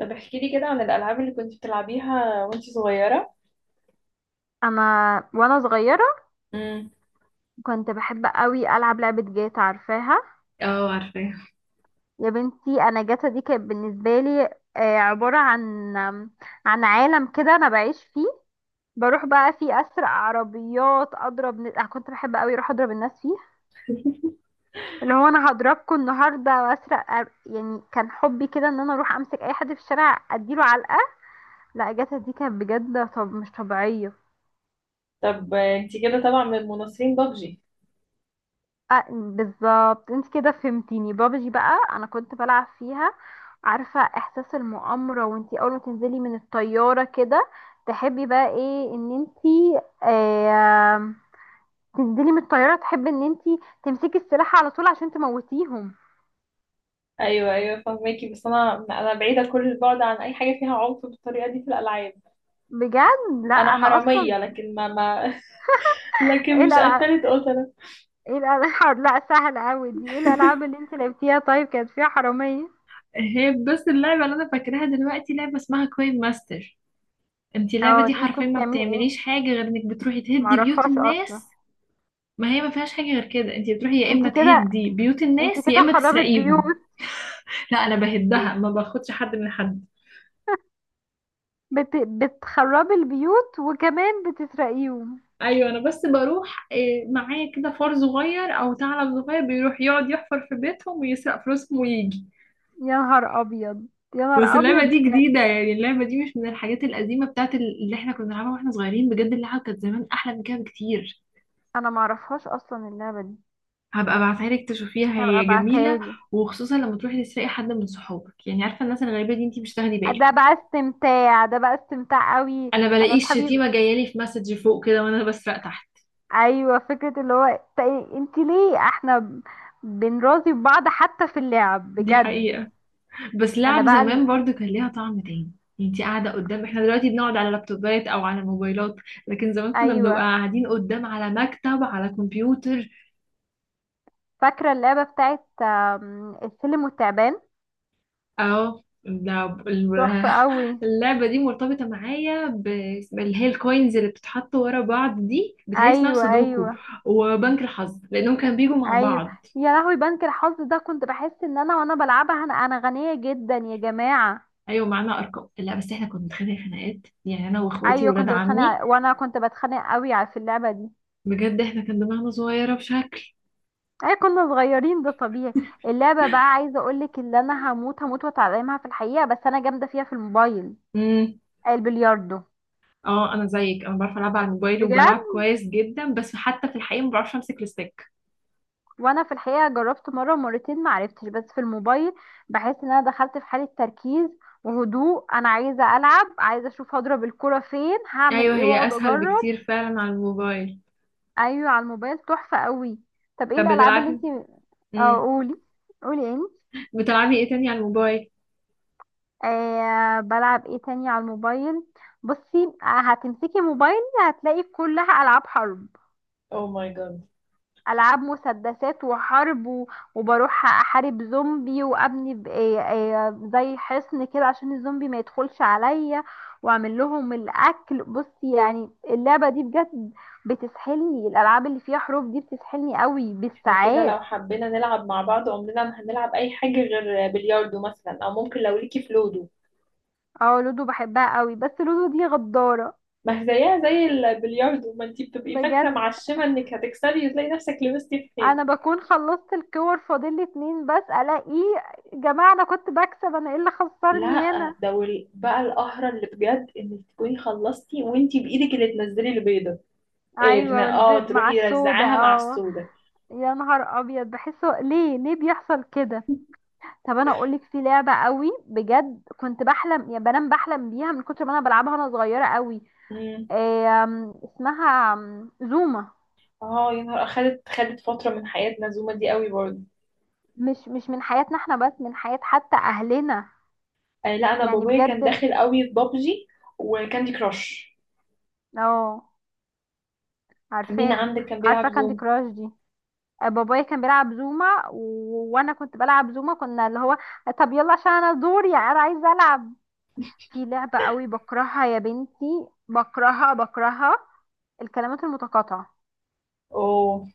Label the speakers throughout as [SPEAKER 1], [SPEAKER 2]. [SPEAKER 1] طب احكي لي كده عن الألعاب اللي كنت بتلعبيها وانتي صغيرة.
[SPEAKER 2] انا وانا صغيره
[SPEAKER 1] امم.
[SPEAKER 2] كنت بحب قوي العب لعبه جاتا عارفاها.
[SPEAKER 1] اه، عارفاه.
[SPEAKER 2] يا بنتي انا جاتا دي كانت بالنسبه لي، عباره عن عالم كده انا بعيش فيه. بروح بقى فيه اسرق عربيات، اضرب أنا كنت بحب قوي اروح اضرب الناس فيه. اللي هو انا هضربكم النهارده واسرق يعني كان حبي كده ان انا اروح امسك اي حد في الشارع اديله علقه. لا جاتا دي كانت بجد، طب مش طبيعيه.
[SPEAKER 1] طب انتي كده طبعا من مناصرين بابجي؟
[SPEAKER 2] بالظبط انت كده فهمتيني، بابجي بقى انا كنت بلعب فيها. عارفة احساس المؤامرة وانتي اول ما تنزلي من الطيارة كده؟ تحبي بقى ايه ان انتي تنزلي من الطيارة، تحبي ان انتي تمسكي السلاح على طول عشان تموتيهم.
[SPEAKER 1] ايوه ايوه، فهماكي، بس انا بعيدة كل البعد عن اي حاجة فيها عنف بالطريقة دي في الألعاب.
[SPEAKER 2] بجد، لا
[SPEAKER 1] انا
[SPEAKER 2] انا اصلا.
[SPEAKER 1] حرامية، لكن ما لكن
[SPEAKER 2] ايه
[SPEAKER 1] مش
[SPEAKER 2] الالعاب؟
[SPEAKER 1] قتلت قتلة.
[SPEAKER 2] لا سهل اوي، دي ايه الالعاب اللي انتي لعبتيها طيب كانت فيها حرامية؟
[SPEAKER 1] هي بس اللعبة اللي انا فاكراها دلوقتي لعبة اسمها كوين ماستر. انتي اللعبة
[SPEAKER 2] اه
[SPEAKER 1] دي
[SPEAKER 2] دي
[SPEAKER 1] حرفيا
[SPEAKER 2] كنت
[SPEAKER 1] ما
[SPEAKER 2] تعملي ايه؟
[SPEAKER 1] بتعمليش حاجة غير انك بتروحي تهدي بيوت
[SPEAKER 2] معرفهاش اصلا.
[SPEAKER 1] الناس. ما هي ما فيهاش حاجة غير كده، انتي بتروحي يا اما
[SPEAKER 2] انتي كده،
[SPEAKER 1] تهدي بيوت
[SPEAKER 2] انتي
[SPEAKER 1] الناس يا
[SPEAKER 2] كده
[SPEAKER 1] اما
[SPEAKER 2] خربت
[SPEAKER 1] تسرقيهم.
[SPEAKER 2] بيوت.
[SPEAKER 1] لا انا بهدها، ما باخدش حد من حد.
[SPEAKER 2] بتخربي البيوت وكمان بتسرقيهم؟
[SPEAKER 1] ايوه انا بس بروح معايا كده فار صغير او ثعلب صغير بيروح يقعد يحفر في بيتهم ويسرق فلوسهم ويجي.
[SPEAKER 2] يا نهار ابيض. يا
[SPEAKER 1] بس
[SPEAKER 2] نهار ابيض
[SPEAKER 1] اللعبه دي
[SPEAKER 2] بجد.
[SPEAKER 1] جديده، يعني اللعبه دي مش من الحاجات القديمه بتاعت اللي احنا كنا بنلعبها واحنا صغيرين، بجد اللعبه كانت زمان احلى من كده بكتير.
[SPEAKER 2] انا ما اعرفهاش اصلا اللعبه دي.
[SPEAKER 1] هبقى ابعتها لك تشوفيها،
[SPEAKER 2] هبقى
[SPEAKER 1] هي
[SPEAKER 2] ابعتها
[SPEAKER 1] جميله.
[SPEAKER 2] لي.
[SPEAKER 1] وخصوصا لما تروحي تسرقي حد من صحابك، يعني عارفه الناس الغريبه دي انتي مش تاخدي
[SPEAKER 2] ده
[SPEAKER 1] بالك.
[SPEAKER 2] بقى استمتاع، ده بقى استمتاع قوي.
[SPEAKER 1] انا
[SPEAKER 2] انا
[SPEAKER 1] بلاقي
[SPEAKER 2] اصحابي
[SPEAKER 1] الشتيمه جايه لي في مسج فوق كده وانا بسرق تحت.
[SPEAKER 2] ايوه، فكره اللي هو انت ليه احنا بنراضي بعض حتى في اللعب
[SPEAKER 1] دي
[SPEAKER 2] بجد.
[SPEAKER 1] حقيقه. بس
[SPEAKER 2] انا
[SPEAKER 1] لعب
[SPEAKER 2] بقى
[SPEAKER 1] زمان برضو كان ليها طعم تاني. يعني انتي قاعدة قدام، احنا دلوقتي بنقعد على لابتوبات او على موبايلات، لكن زمان كنا بنبقى
[SPEAKER 2] ايوه.
[SPEAKER 1] قاعدين قدام على مكتب على كمبيوتر.
[SPEAKER 2] فاكره اللعبه بتاعت السلم والتعبان؟
[SPEAKER 1] اه
[SPEAKER 2] تحفه قوي.
[SPEAKER 1] اللعبة دي مرتبطة معايا ب- اللي هي الكوينز اللي بتتحط ورا بعض دي بتهيألي اسمها
[SPEAKER 2] ايوه
[SPEAKER 1] سودوكو.
[SPEAKER 2] ايوه
[SPEAKER 1] وبنك الحظ لأنهم كانوا بيجوا مع
[SPEAKER 2] ايوه.
[SPEAKER 1] بعض.
[SPEAKER 2] يا لهوي بنك الحظ ده كنت بحس ان انا وانا بلعبها انا غنيه جدا يا جماعه.
[SPEAKER 1] أيوة معانا أرقام، لا بس احنا كنا بنتخانق خناقات، يعني أنا وإخواتي
[SPEAKER 2] ايوه
[SPEAKER 1] وولاد
[SPEAKER 2] كنت بتخانق
[SPEAKER 1] عمي.
[SPEAKER 2] وانا كنت بتخانق قوي في اللعبه دي.
[SPEAKER 1] بجد احنا كان دماغنا صغيرة بشكل.
[SPEAKER 2] اي كنا صغيرين ده طبيعي. اللعبه بقى عايزه اقولك اللي انا هموت هموت واتعلمها في الحقيقه، بس انا جامده فيها في الموبايل. البلياردو.
[SPEAKER 1] اه انا زيك، انا بعرف العب على الموبايل
[SPEAKER 2] بجد.
[SPEAKER 1] وبلعب كويس جدا، بس حتى في الحقيقه ما بعرفش امسك الستيك.
[SPEAKER 2] وانا في الحقيقه جربت مره ومرتين ما عرفتش، بس في الموبايل بحس ان انا دخلت في حاله تركيز وهدوء، انا عايزه العب، عايزه اشوف هضرب الكره فين، هعمل
[SPEAKER 1] ايوه
[SPEAKER 2] ايه،
[SPEAKER 1] هي
[SPEAKER 2] واقعد
[SPEAKER 1] اسهل
[SPEAKER 2] اجرب.
[SPEAKER 1] بكتير فعلا على الموبايل.
[SPEAKER 2] ايوه على الموبايل تحفه قوي. طب ايه
[SPEAKER 1] طب
[SPEAKER 2] الالعاب اللي
[SPEAKER 1] بتلعبي،
[SPEAKER 2] انتي. اه،
[SPEAKER 1] امم
[SPEAKER 2] قولي. قولي ايه؟
[SPEAKER 1] بتلعبي ايه تاني على الموبايل؟
[SPEAKER 2] آه بلعب ايه تاني على الموبايل. بصي هتمسكي موبايلي هتلاقي كلها العاب حرب.
[SPEAKER 1] او ماي جاد.
[SPEAKER 2] العاب مسدسات وحرب وبروح احارب زومبي وابني زي حصن كده عشان الزومبي ما يدخلش عليا، واعمل لهم الاكل. بصي يعني اللعبة دي بجد بتسحلني، الالعاب اللي فيها حروب دي بتسحلني قوي
[SPEAKER 1] احنا كده
[SPEAKER 2] بالساعات.
[SPEAKER 1] لو حبينا نلعب مع بعض عمرنا ما هنلعب اي حاجة غير بلياردو مثلا، او ممكن لو ليكي في لودو.
[SPEAKER 2] اه لودو بحبها قوي، بس لودو دي غدارة.
[SPEAKER 1] ما هي زيها زي البلياردو، ما انتي بتبقي فاكرة
[SPEAKER 2] بجد.
[SPEAKER 1] معشمة انك هتكسبي وتلاقي نفسك لبستي في
[SPEAKER 2] انا
[SPEAKER 1] حيط.
[SPEAKER 2] بكون خلصت الكور فاضل لي اتنين بس، الاقيه. جماعه انا كنت بكسب، انا ايه اللي خسرني
[SPEAKER 1] لا
[SPEAKER 2] هنا؟
[SPEAKER 1] ده بقى القهرة اللي بجد انك تكوني خلصتي وانتي بايدك اللي تنزلي البيضة. إيه
[SPEAKER 2] ايوه
[SPEAKER 1] اه،
[SPEAKER 2] والبيض
[SPEAKER 1] تروح
[SPEAKER 2] مع السودا
[SPEAKER 1] يرزعاها مع
[SPEAKER 2] اه.
[SPEAKER 1] السودا.
[SPEAKER 2] يا نهار ابيض بحسه، ليه بيحصل كده؟ طب انا اقولك في لعبه قوي بجد كنت بحلم، يا بنام بحلم بيها من كتر ما انا بلعبها وانا صغيره قوي.
[SPEAKER 1] امم.
[SPEAKER 2] اسمها زوما.
[SPEAKER 1] اه، يا نهار اخدت فتره من حياه نزومه دي قوي برضه.
[SPEAKER 2] مش من حياتنا احنا بس، من حياه حتى اهلنا.
[SPEAKER 1] آه لا، انا
[SPEAKER 2] يعني
[SPEAKER 1] بابايا كان
[SPEAKER 2] بجد.
[SPEAKER 1] داخل قوي في بابجي وكاندي كراش.
[SPEAKER 2] اه
[SPEAKER 1] مين
[SPEAKER 2] عارفاهم.
[SPEAKER 1] عندك كان
[SPEAKER 2] عارفه
[SPEAKER 1] بيلعب
[SPEAKER 2] كاندي
[SPEAKER 1] زوم؟
[SPEAKER 2] كراش دي. بابايا كان بيلعب زوما وانا كنت بلعب زوما، كنا اللي هو. طب يلا عشان انا دوري، يعني انا عايزه العب. في لعبه قوي بكرهها يا بنتي، بكرهها بكرهها. الكلمات المتقاطعه.
[SPEAKER 1] اوه.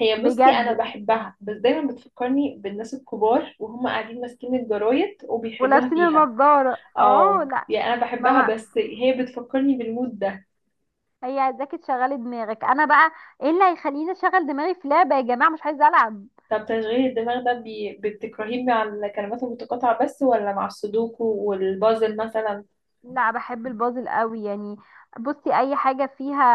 [SPEAKER 1] هي بصي انا
[SPEAKER 2] بجد.
[SPEAKER 1] بحبها، بس دايما بتفكرني بالناس الكبار وهم قاعدين ماسكين الجرايد وبيحلوها
[SPEAKER 2] ولابسين
[SPEAKER 1] فيها.
[SPEAKER 2] النضاره اه
[SPEAKER 1] اه
[SPEAKER 2] لا.
[SPEAKER 1] يعني انا
[SPEAKER 2] ما
[SPEAKER 1] بحبها،
[SPEAKER 2] بقى،
[SPEAKER 1] بس هي بتفكرني بالمود ده.
[SPEAKER 2] هي عايزاكي تشغلي دماغك، انا بقى ايه اللي هيخليني اشغل دماغي في لعبه يا جماعه؟ مش عايزه العب.
[SPEAKER 1] طب تشغيل الدماغ ده، بتكرهيه مع الكلمات المتقاطعه بس ولا مع السودوكو والبازل مثلا؟
[SPEAKER 2] لا بحب البازل قوي يعني. بصي اي حاجه فيها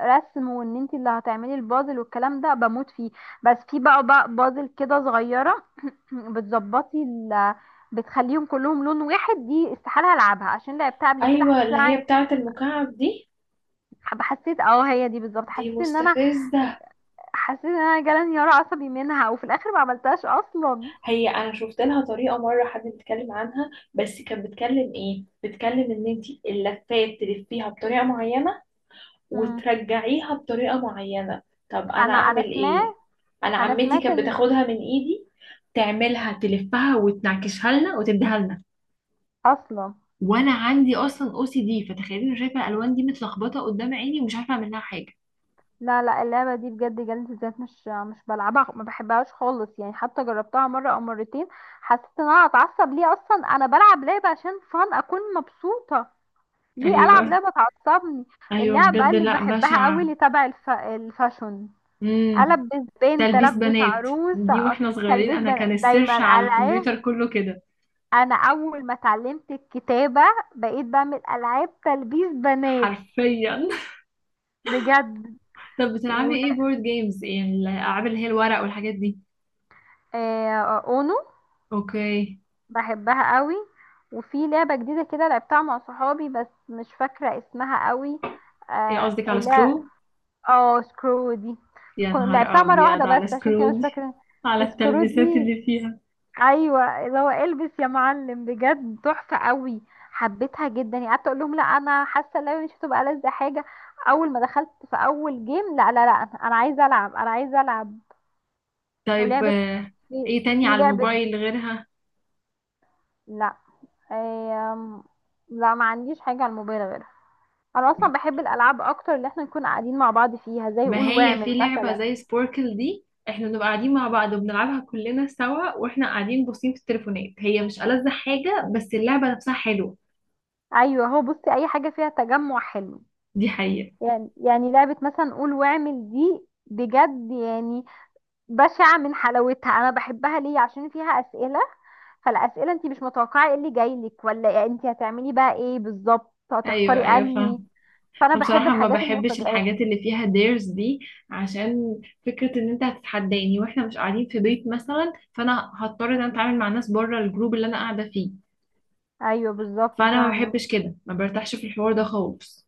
[SPEAKER 2] رسم وان انت اللي هتعملي البازل والكلام ده بموت فيه. بس في بقى بازل كده صغيره، بتظبطي ال، بتخليهم كلهم لون واحد، دي استحاله العبها عشان لعبتها قبل كده
[SPEAKER 1] ايوه،
[SPEAKER 2] حسيت
[SPEAKER 1] اللي
[SPEAKER 2] إن
[SPEAKER 1] هي
[SPEAKER 2] أنا-
[SPEAKER 1] بتاعه المكعب دي.
[SPEAKER 2] حسيت، هي دي بالظبط،
[SPEAKER 1] دي
[SPEAKER 2] حسيت ان انا،
[SPEAKER 1] مستفزه.
[SPEAKER 2] حسيت ان انا جالي انهيار عصبي منها وفي الاخر ما عملتهاش اصلا.
[SPEAKER 1] هي انا شفت لها طريقه مره، حد بيتكلم عنها بس كانت بتكلم ايه، بتكلم ان انت اللفات تلفيها بطريقه معينه
[SPEAKER 2] مم.
[SPEAKER 1] وترجعيها بطريقه معينه. طب انا
[SPEAKER 2] انا
[SPEAKER 1] اعمل ايه؟
[SPEAKER 2] سمعت.
[SPEAKER 1] انا
[SPEAKER 2] انا
[SPEAKER 1] عمتي
[SPEAKER 2] سمعت
[SPEAKER 1] كانت
[SPEAKER 2] ان،
[SPEAKER 1] بتاخدها من ايدي تعملها تلفها وتنعكشها لنا وتديها لنا.
[SPEAKER 2] اصلا،
[SPEAKER 1] وانا عندي اصلا او سي دي، فتخيلي انا شايفه الالوان دي متلخبطه قدام عيني ومش عارفه اعمل لها حاجه.
[SPEAKER 2] لا لا اللعبة دي بجد جلد الذات، مش بلعبها، ما بحبهاش خالص يعني، حتى جربتها مرة او مرتين حسيت ان انا هتعصب. ليه اصلا انا بلعب لعبة عشان فان اكون مبسوطة؟ ليه العب
[SPEAKER 1] ايوه
[SPEAKER 2] لعبة تعصبني؟
[SPEAKER 1] ايوه،
[SPEAKER 2] اللعبة
[SPEAKER 1] بجد
[SPEAKER 2] اللي
[SPEAKER 1] لا،
[SPEAKER 2] بحبها قوي
[SPEAKER 1] بشعه.
[SPEAKER 2] اللي تبع الفاشون. البس بنت،
[SPEAKER 1] تلبيس
[SPEAKER 2] البس
[SPEAKER 1] بنات،
[SPEAKER 2] عروس
[SPEAKER 1] دي واحنا صغيرين
[SPEAKER 2] تلبيس
[SPEAKER 1] انا كان
[SPEAKER 2] دايما
[SPEAKER 1] السيرش على
[SPEAKER 2] العاب.
[SPEAKER 1] الكمبيوتر كله كده
[SPEAKER 2] انا اول ما اتعلمت الكتابة بقيت بعمل العاب تلبيس بنات.
[SPEAKER 1] حرفيا.
[SPEAKER 2] بجد.
[SPEAKER 1] طب بتلعبي ايه
[SPEAKER 2] ولا.
[SPEAKER 1] بورد جيمز، يعني الالعاب اللي هي الورق والحاجات دي؟
[SPEAKER 2] اونو.
[SPEAKER 1] اوكي.
[SPEAKER 2] بحبها قوي. وفي لعبة جديدة كده لعبتها مع صحابي بس مش فاكرة اسمها قوي.
[SPEAKER 1] ايه
[SPEAKER 2] آه
[SPEAKER 1] قصدك على
[SPEAKER 2] لا.
[SPEAKER 1] سكرو؟
[SPEAKER 2] اه سكرو دي.
[SPEAKER 1] يا نهار
[SPEAKER 2] لعبتها مرة واحدة
[SPEAKER 1] ابيض على
[SPEAKER 2] بس عشان كده
[SPEAKER 1] سكرو
[SPEAKER 2] مش
[SPEAKER 1] دي،
[SPEAKER 2] فاكرة.
[SPEAKER 1] على
[SPEAKER 2] سكرو
[SPEAKER 1] التلبيسات
[SPEAKER 2] دي.
[SPEAKER 1] اللي فيها.
[SPEAKER 2] ايوه اللي هو البس يا معلم، بجد تحفة قوي. حبيتها جدا، يعني قعدت اقول لهم لا انا حاسة اللعبة مش هتبقى ألذ حاجة، اول ما دخلت في اول جيم لا لا لا انا عايزة العب، انا عايزة العب.
[SPEAKER 1] طيب،
[SPEAKER 2] ولعبة. في
[SPEAKER 1] ايه تاني
[SPEAKER 2] في
[SPEAKER 1] على
[SPEAKER 2] لعبة.
[SPEAKER 1] الموبايل غيرها؟
[SPEAKER 2] لا. آم، لا ما عنديش حاجة على الموبايل غيرها. انا
[SPEAKER 1] م-
[SPEAKER 2] اصلا بحب الالعاب اكتر اللي احنا نكون قاعدين مع بعض فيها، زي
[SPEAKER 1] ما
[SPEAKER 2] قول
[SPEAKER 1] هي
[SPEAKER 2] واعمل
[SPEAKER 1] في لعبة
[SPEAKER 2] مثلا.
[SPEAKER 1] زي سبوركل دي احنا بنبقى قاعدين مع بعض وبنلعبها كلنا سوا، واحنا قاعدين باصين في التليفونات، هي مش ألذ حاجة، بس اللعبة نفسها حلوة.
[SPEAKER 2] ايوه هو بصي اي حاجه فيها تجمع حلو.
[SPEAKER 1] دي حقيقة.
[SPEAKER 2] يعني لعبه مثلا قول واعمل دي بجد يعني بشعه من حلاوتها. انا بحبها ليه؟ عشان فيها اسئله، فالاسئله انت مش متوقعه ايه اللي جاي لك، ولا انت هتعملي بقى ايه بالظبط،
[SPEAKER 1] ايوه
[SPEAKER 2] هتختاري
[SPEAKER 1] ايوه
[SPEAKER 2] انهي.
[SPEAKER 1] فاهم.
[SPEAKER 2] فانا
[SPEAKER 1] انا
[SPEAKER 2] بحب
[SPEAKER 1] بصراحه ما
[SPEAKER 2] الحاجات
[SPEAKER 1] بحبش
[SPEAKER 2] المفاجئات.
[SPEAKER 1] الحاجات اللي فيها ديرز دي، عشان فكره ان انت هتتحداني واحنا مش قاعدين في بيت مثلا، فانا هضطر ان انا اتعامل مع ناس بره الجروب اللي انا قاعده فيه.
[SPEAKER 2] ايوه بالظبط
[SPEAKER 1] فانا ما
[SPEAKER 2] فاهمه.
[SPEAKER 1] بحبش كده، ما برتاحش في الحوار ده خالص.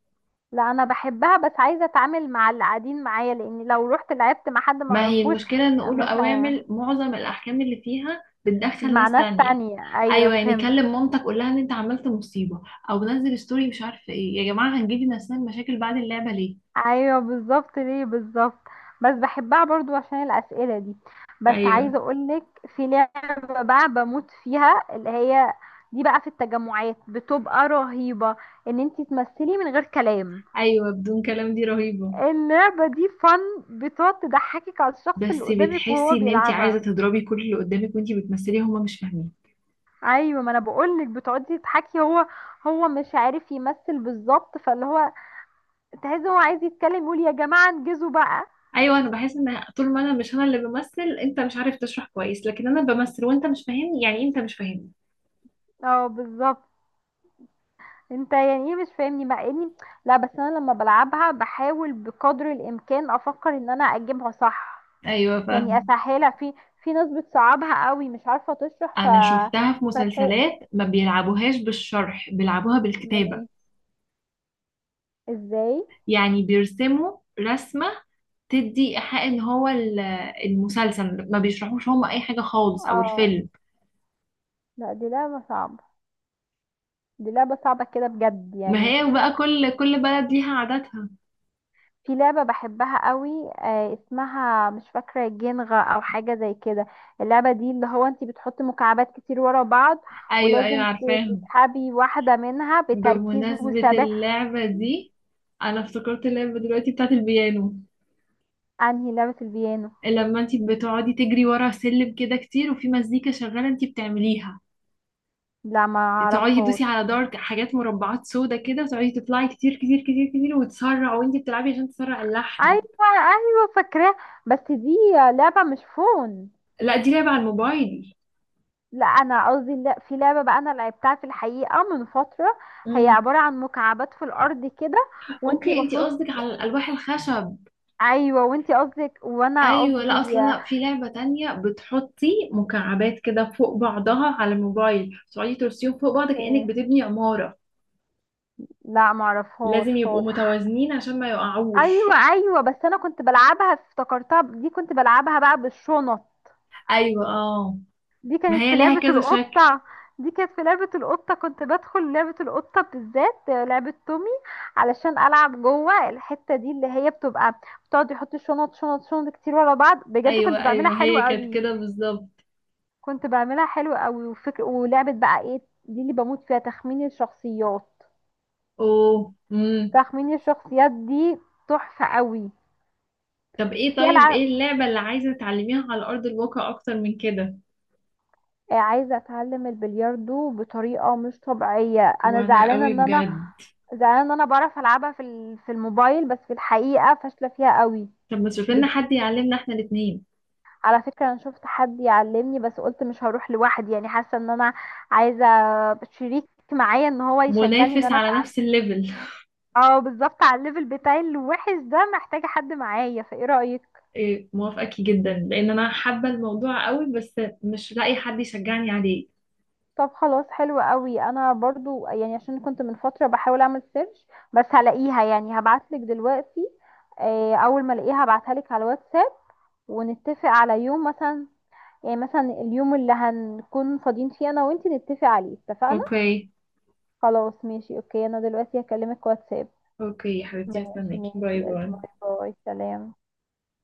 [SPEAKER 2] لا انا بحبها، بس عايزه اتعامل مع اللي قاعدين معايا، لان لو رحت لعبت مع حد ما
[SPEAKER 1] ما هي
[SPEAKER 2] اعرفوش.
[SPEAKER 1] المشكله ان نقول
[SPEAKER 2] مش هي.
[SPEAKER 1] اوامر معظم الاحكام اللي فيها بتدخل
[SPEAKER 2] مع
[SPEAKER 1] ناس
[SPEAKER 2] ناس
[SPEAKER 1] تانية.
[SPEAKER 2] تانية، ايوه
[SPEAKER 1] ايوه يعني
[SPEAKER 2] فهمت.
[SPEAKER 1] كلم مامتك، قول لها ان انت عملت مصيبه، او نزل ستوري مش عارفه ايه، يا جماعه هنجيب لنا مشاكل بعد اللعبه ليه؟
[SPEAKER 2] ايوه بالظبط، ليه بالظبط. بس بحبها برضو عشان الاسئله دي. بس
[SPEAKER 1] ايوه
[SPEAKER 2] عايزه اقولك، في لعبه بقى بموت فيها، اللي هي دي بقى في التجمعات بتبقى رهيبه، ان انتي تمثلي من غير كلام.
[SPEAKER 1] ايوه، بدون كلام دي رهيبه.
[SPEAKER 2] اللعبه دي فن. بتقعد تضحكك على الشخص اللي
[SPEAKER 1] بس
[SPEAKER 2] قدامك
[SPEAKER 1] بتحسي
[SPEAKER 2] وهو
[SPEAKER 1] ان انت عايزه
[SPEAKER 2] بيلعبها.
[SPEAKER 1] تضربي كل اللي قدامك وانت بتمثلي هما مش فاهمين.
[SPEAKER 2] ايوه ما انا بقولك بتقعدي تضحكي. هو، هو مش عارف يمثل بالظبط، فاللي هو تحس هو عايز يتكلم يقول يا جماعه انجزوا بقى.
[SPEAKER 1] ايوه انا بحس ان طول ما انا مش انا اللي بمثل، انت مش عارف تشرح كويس، لكن انا بمثل وانت مش فاهمني، يعني إيه انت مش فاهمني؟
[SPEAKER 2] اه بالظبط. انت يعني ايه مش فاهمني، مع اني، لا بس انا لما بلعبها بحاول بقدر الامكان افكر ان انا اجيبها صح،
[SPEAKER 1] ايوه
[SPEAKER 2] يعني
[SPEAKER 1] فاهمه.
[SPEAKER 2] اسهلها. في ناس بتصعبها قوي مش عارفه تشرح ف،
[SPEAKER 1] انا شفتها في
[SPEAKER 2] فتح.
[SPEAKER 1] مسلسلات ما بيلعبوهاش بالشرح، بيلعبوها
[SPEAKER 2] امال
[SPEAKER 1] بالكتابه.
[SPEAKER 2] ايه؟ ازاي؟
[SPEAKER 1] يعني بيرسموا رسمه تدي ايحاء ان هو المسلسل ما بيشرحوش هم اي حاجه خالص، او
[SPEAKER 2] اه
[SPEAKER 1] الفيلم.
[SPEAKER 2] لا دي لعبه صعبه. دي لعبه صعبه كده بجد
[SPEAKER 1] ما
[SPEAKER 2] يعني.
[SPEAKER 1] هي بقى كل بلد ليها عاداتها.
[SPEAKER 2] في لعبه بحبها قوي، اسمها مش فاكره جينغا او حاجه زي كده. اللعبه دي اللي هو انت بتحط مكعبات كتير ورا بعض،
[SPEAKER 1] ايوه ايوه
[SPEAKER 2] ولازم
[SPEAKER 1] عارفاهم.
[SPEAKER 2] تسحبي واحدة منها بتركيز
[SPEAKER 1] بمناسبة
[SPEAKER 2] وثبات.
[SPEAKER 1] اللعبة دي، أنا افتكرت اللعبة دلوقتي بتاعت البيانو.
[SPEAKER 2] انهي لعبة البيانو؟
[SPEAKER 1] لما انتي بتقعدي تجري ورا سلم كده كتير وفي مزيكا شغالة انتي بتعمليها،
[SPEAKER 2] لا ما
[SPEAKER 1] تقعدي تدوسي
[SPEAKER 2] اعرفهاش.
[SPEAKER 1] على دار حاجات مربعات سودا كده وتقعدي تطلعي كتير كتير كتير كتير وتسرع وانتي بتلعبي عشان تسرع اللحن.
[SPEAKER 2] ايوه ايوه فاكراها. بس دي لعبة مش فون؟
[SPEAKER 1] لا دي لعبة على الموبايل دي.
[SPEAKER 2] لا انا قصدي، لا في لعبة بقى انا لعبتها في الحقيقة من فترة، هي
[SPEAKER 1] امم
[SPEAKER 2] عبارة عن مكعبات في الارض كده وانتي
[SPEAKER 1] اوكي، انتي
[SPEAKER 2] المفروض.
[SPEAKER 1] قصدك على الألواح الخشب.
[SPEAKER 2] ايوه وانتي قصدك وانا
[SPEAKER 1] ايوه لا،
[SPEAKER 2] قصدي.
[SPEAKER 1] اصل انا في لعبة تانية بتحطي مكعبات كده فوق بعضها على الموبايل، تقعدي ترسيهم فوق بعض كأنك
[SPEAKER 2] اوكي.
[SPEAKER 1] بتبني عمارة.
[SPEAKER 2] لا ما اعرفهاش
[SPEAKER 1] لازم يبقوا
[SPEAKER 2] خالص.
[SPEAKER 1] متوازنين عشان ما
[SPEAKER 2] ايوه
[SPEAKER 1] يقعوش.
[SPEAKER 2] ايوه بس انا كنت بلعبها، افتكرتها دي كنت بلعبها بقى بالشنط.
[SPEAKER 1] ايوه اه،
[SPEAKER 2] دي
[SPEAKER 1] ما
[SPEAKER 2] كانت
[SPEAKER 1] هي
[SPEAKER 2] في
[SPEAKER 1] ليها
[SPEAKER 2] لعبة
[SPEAKER 1] كذا شكل.
[SPEAKER 2] القطة. دي كانت في لعبة القطة، كنت بدخل لعبة القطة بالذات، لعبة تومي، علشان ألعب جوه الحتة دي اللي هي بتبقى، بتقعد يحط شنط شنط شنط كتير ورا بعض. بجد كنت
[SPEAKER 1] ايوه
[SPEAKER 2] بعملها
[SPEAKER 1] ايوه
[SPEAKER 2] حلوة
[SPEAKER 1] هي كانت
[SPEAKER 2] قوي.
[SPEAKER 1] كده بالظبط.
[SPEAKER 2] كنت بعملها حلوة قوي. وفكر، ولعبة بقى ايه دي اللي بموت فيها؟ تخمين الشخصيات.
[SPEAKER 1] اوه.
[SPEAKER 2] تخمين الشخصيات دي تحفة قوي.
[SPEAKER 1] طب ايه،
[SPEAKER 2] في
[SPEAKER 1] طيب
[SPEAKER 2] ألعاب،
[SPEAKER 1] ايه اللعبة اللي عايزة تعلميها على أرض الواقع أكتر من كده؟
[SPEAKER 2] عايزة أتعلم البلياردو بطريقة مش طبيعية. أنا
[SPEAKER 1] وانا
[SPEAKER 2] زعلانة
[SPEAKER 1] قوي
[SPEAKER 2] إن أنا،
[SPEAKER 1] بجد.
[SPEAKER 2] زعلانة ان انا بعرف العبها في في الموبايل بس في الحقيقة فاشلة فيها قوي.
[SPEAKER 1] طب ما تشوف لنا
[SPEAKER 2] بجد
[SPEAKER 1] حد يعلمنا احنا الاثنين.
[SPEAKER 2] على فكرة انا شفت حد يعلمني، بس قلت مش هروح لوحدي، يعني حاسة ان انا عايزة شريك معايا، ان هو يشجعني ان
[SPEAKER 1] منافس
[SPEAKER 2] انا
[SPEAKER 1] على
[SPEAKER 2] أتع-.
[SPEAKER 1] نفس الليفل.
[SPEAKER 2] اه بالظبط على الليفل بتاعي الوحش ده، محتاجة حد معايا، فايه رأيك؟
[SPEAKER 1] إيه، موافقاكي جدا لأن أنا حابة الموضوع قوي، بس مش لاقي حد يشجعني عليه.
[SPEAKER 2] طب خلاص، حلو قوي. انا برضو يعني عشان كنت من فترة بحاول اعمل سيرش، بس هلاقيها يعني، هبعتلك دلوقتي. اول ما الاقيها هبعتها لك على الواتساب، ونتفق على يوم مثلا، يعني مثلا اليوم اللي هنكون فاضيين فيه انا وانتي نتفق عليه. اتفقنا؟
[SPEAKER 1] اوكي.
[SPEAKER 2] خلاص ماشي، اوكي، انا دلوقتي هكلمك واتساب.
[SPEAKER 1] اوكي يا حبيبتي،
[SPEAKER 2] ماشي
[SPEAKER 1] هستناكي،
[SPEAKER 2] ماشي.
[SPEAKER 1] باي باي.
[SPEAKER 2] باي باي، سلام.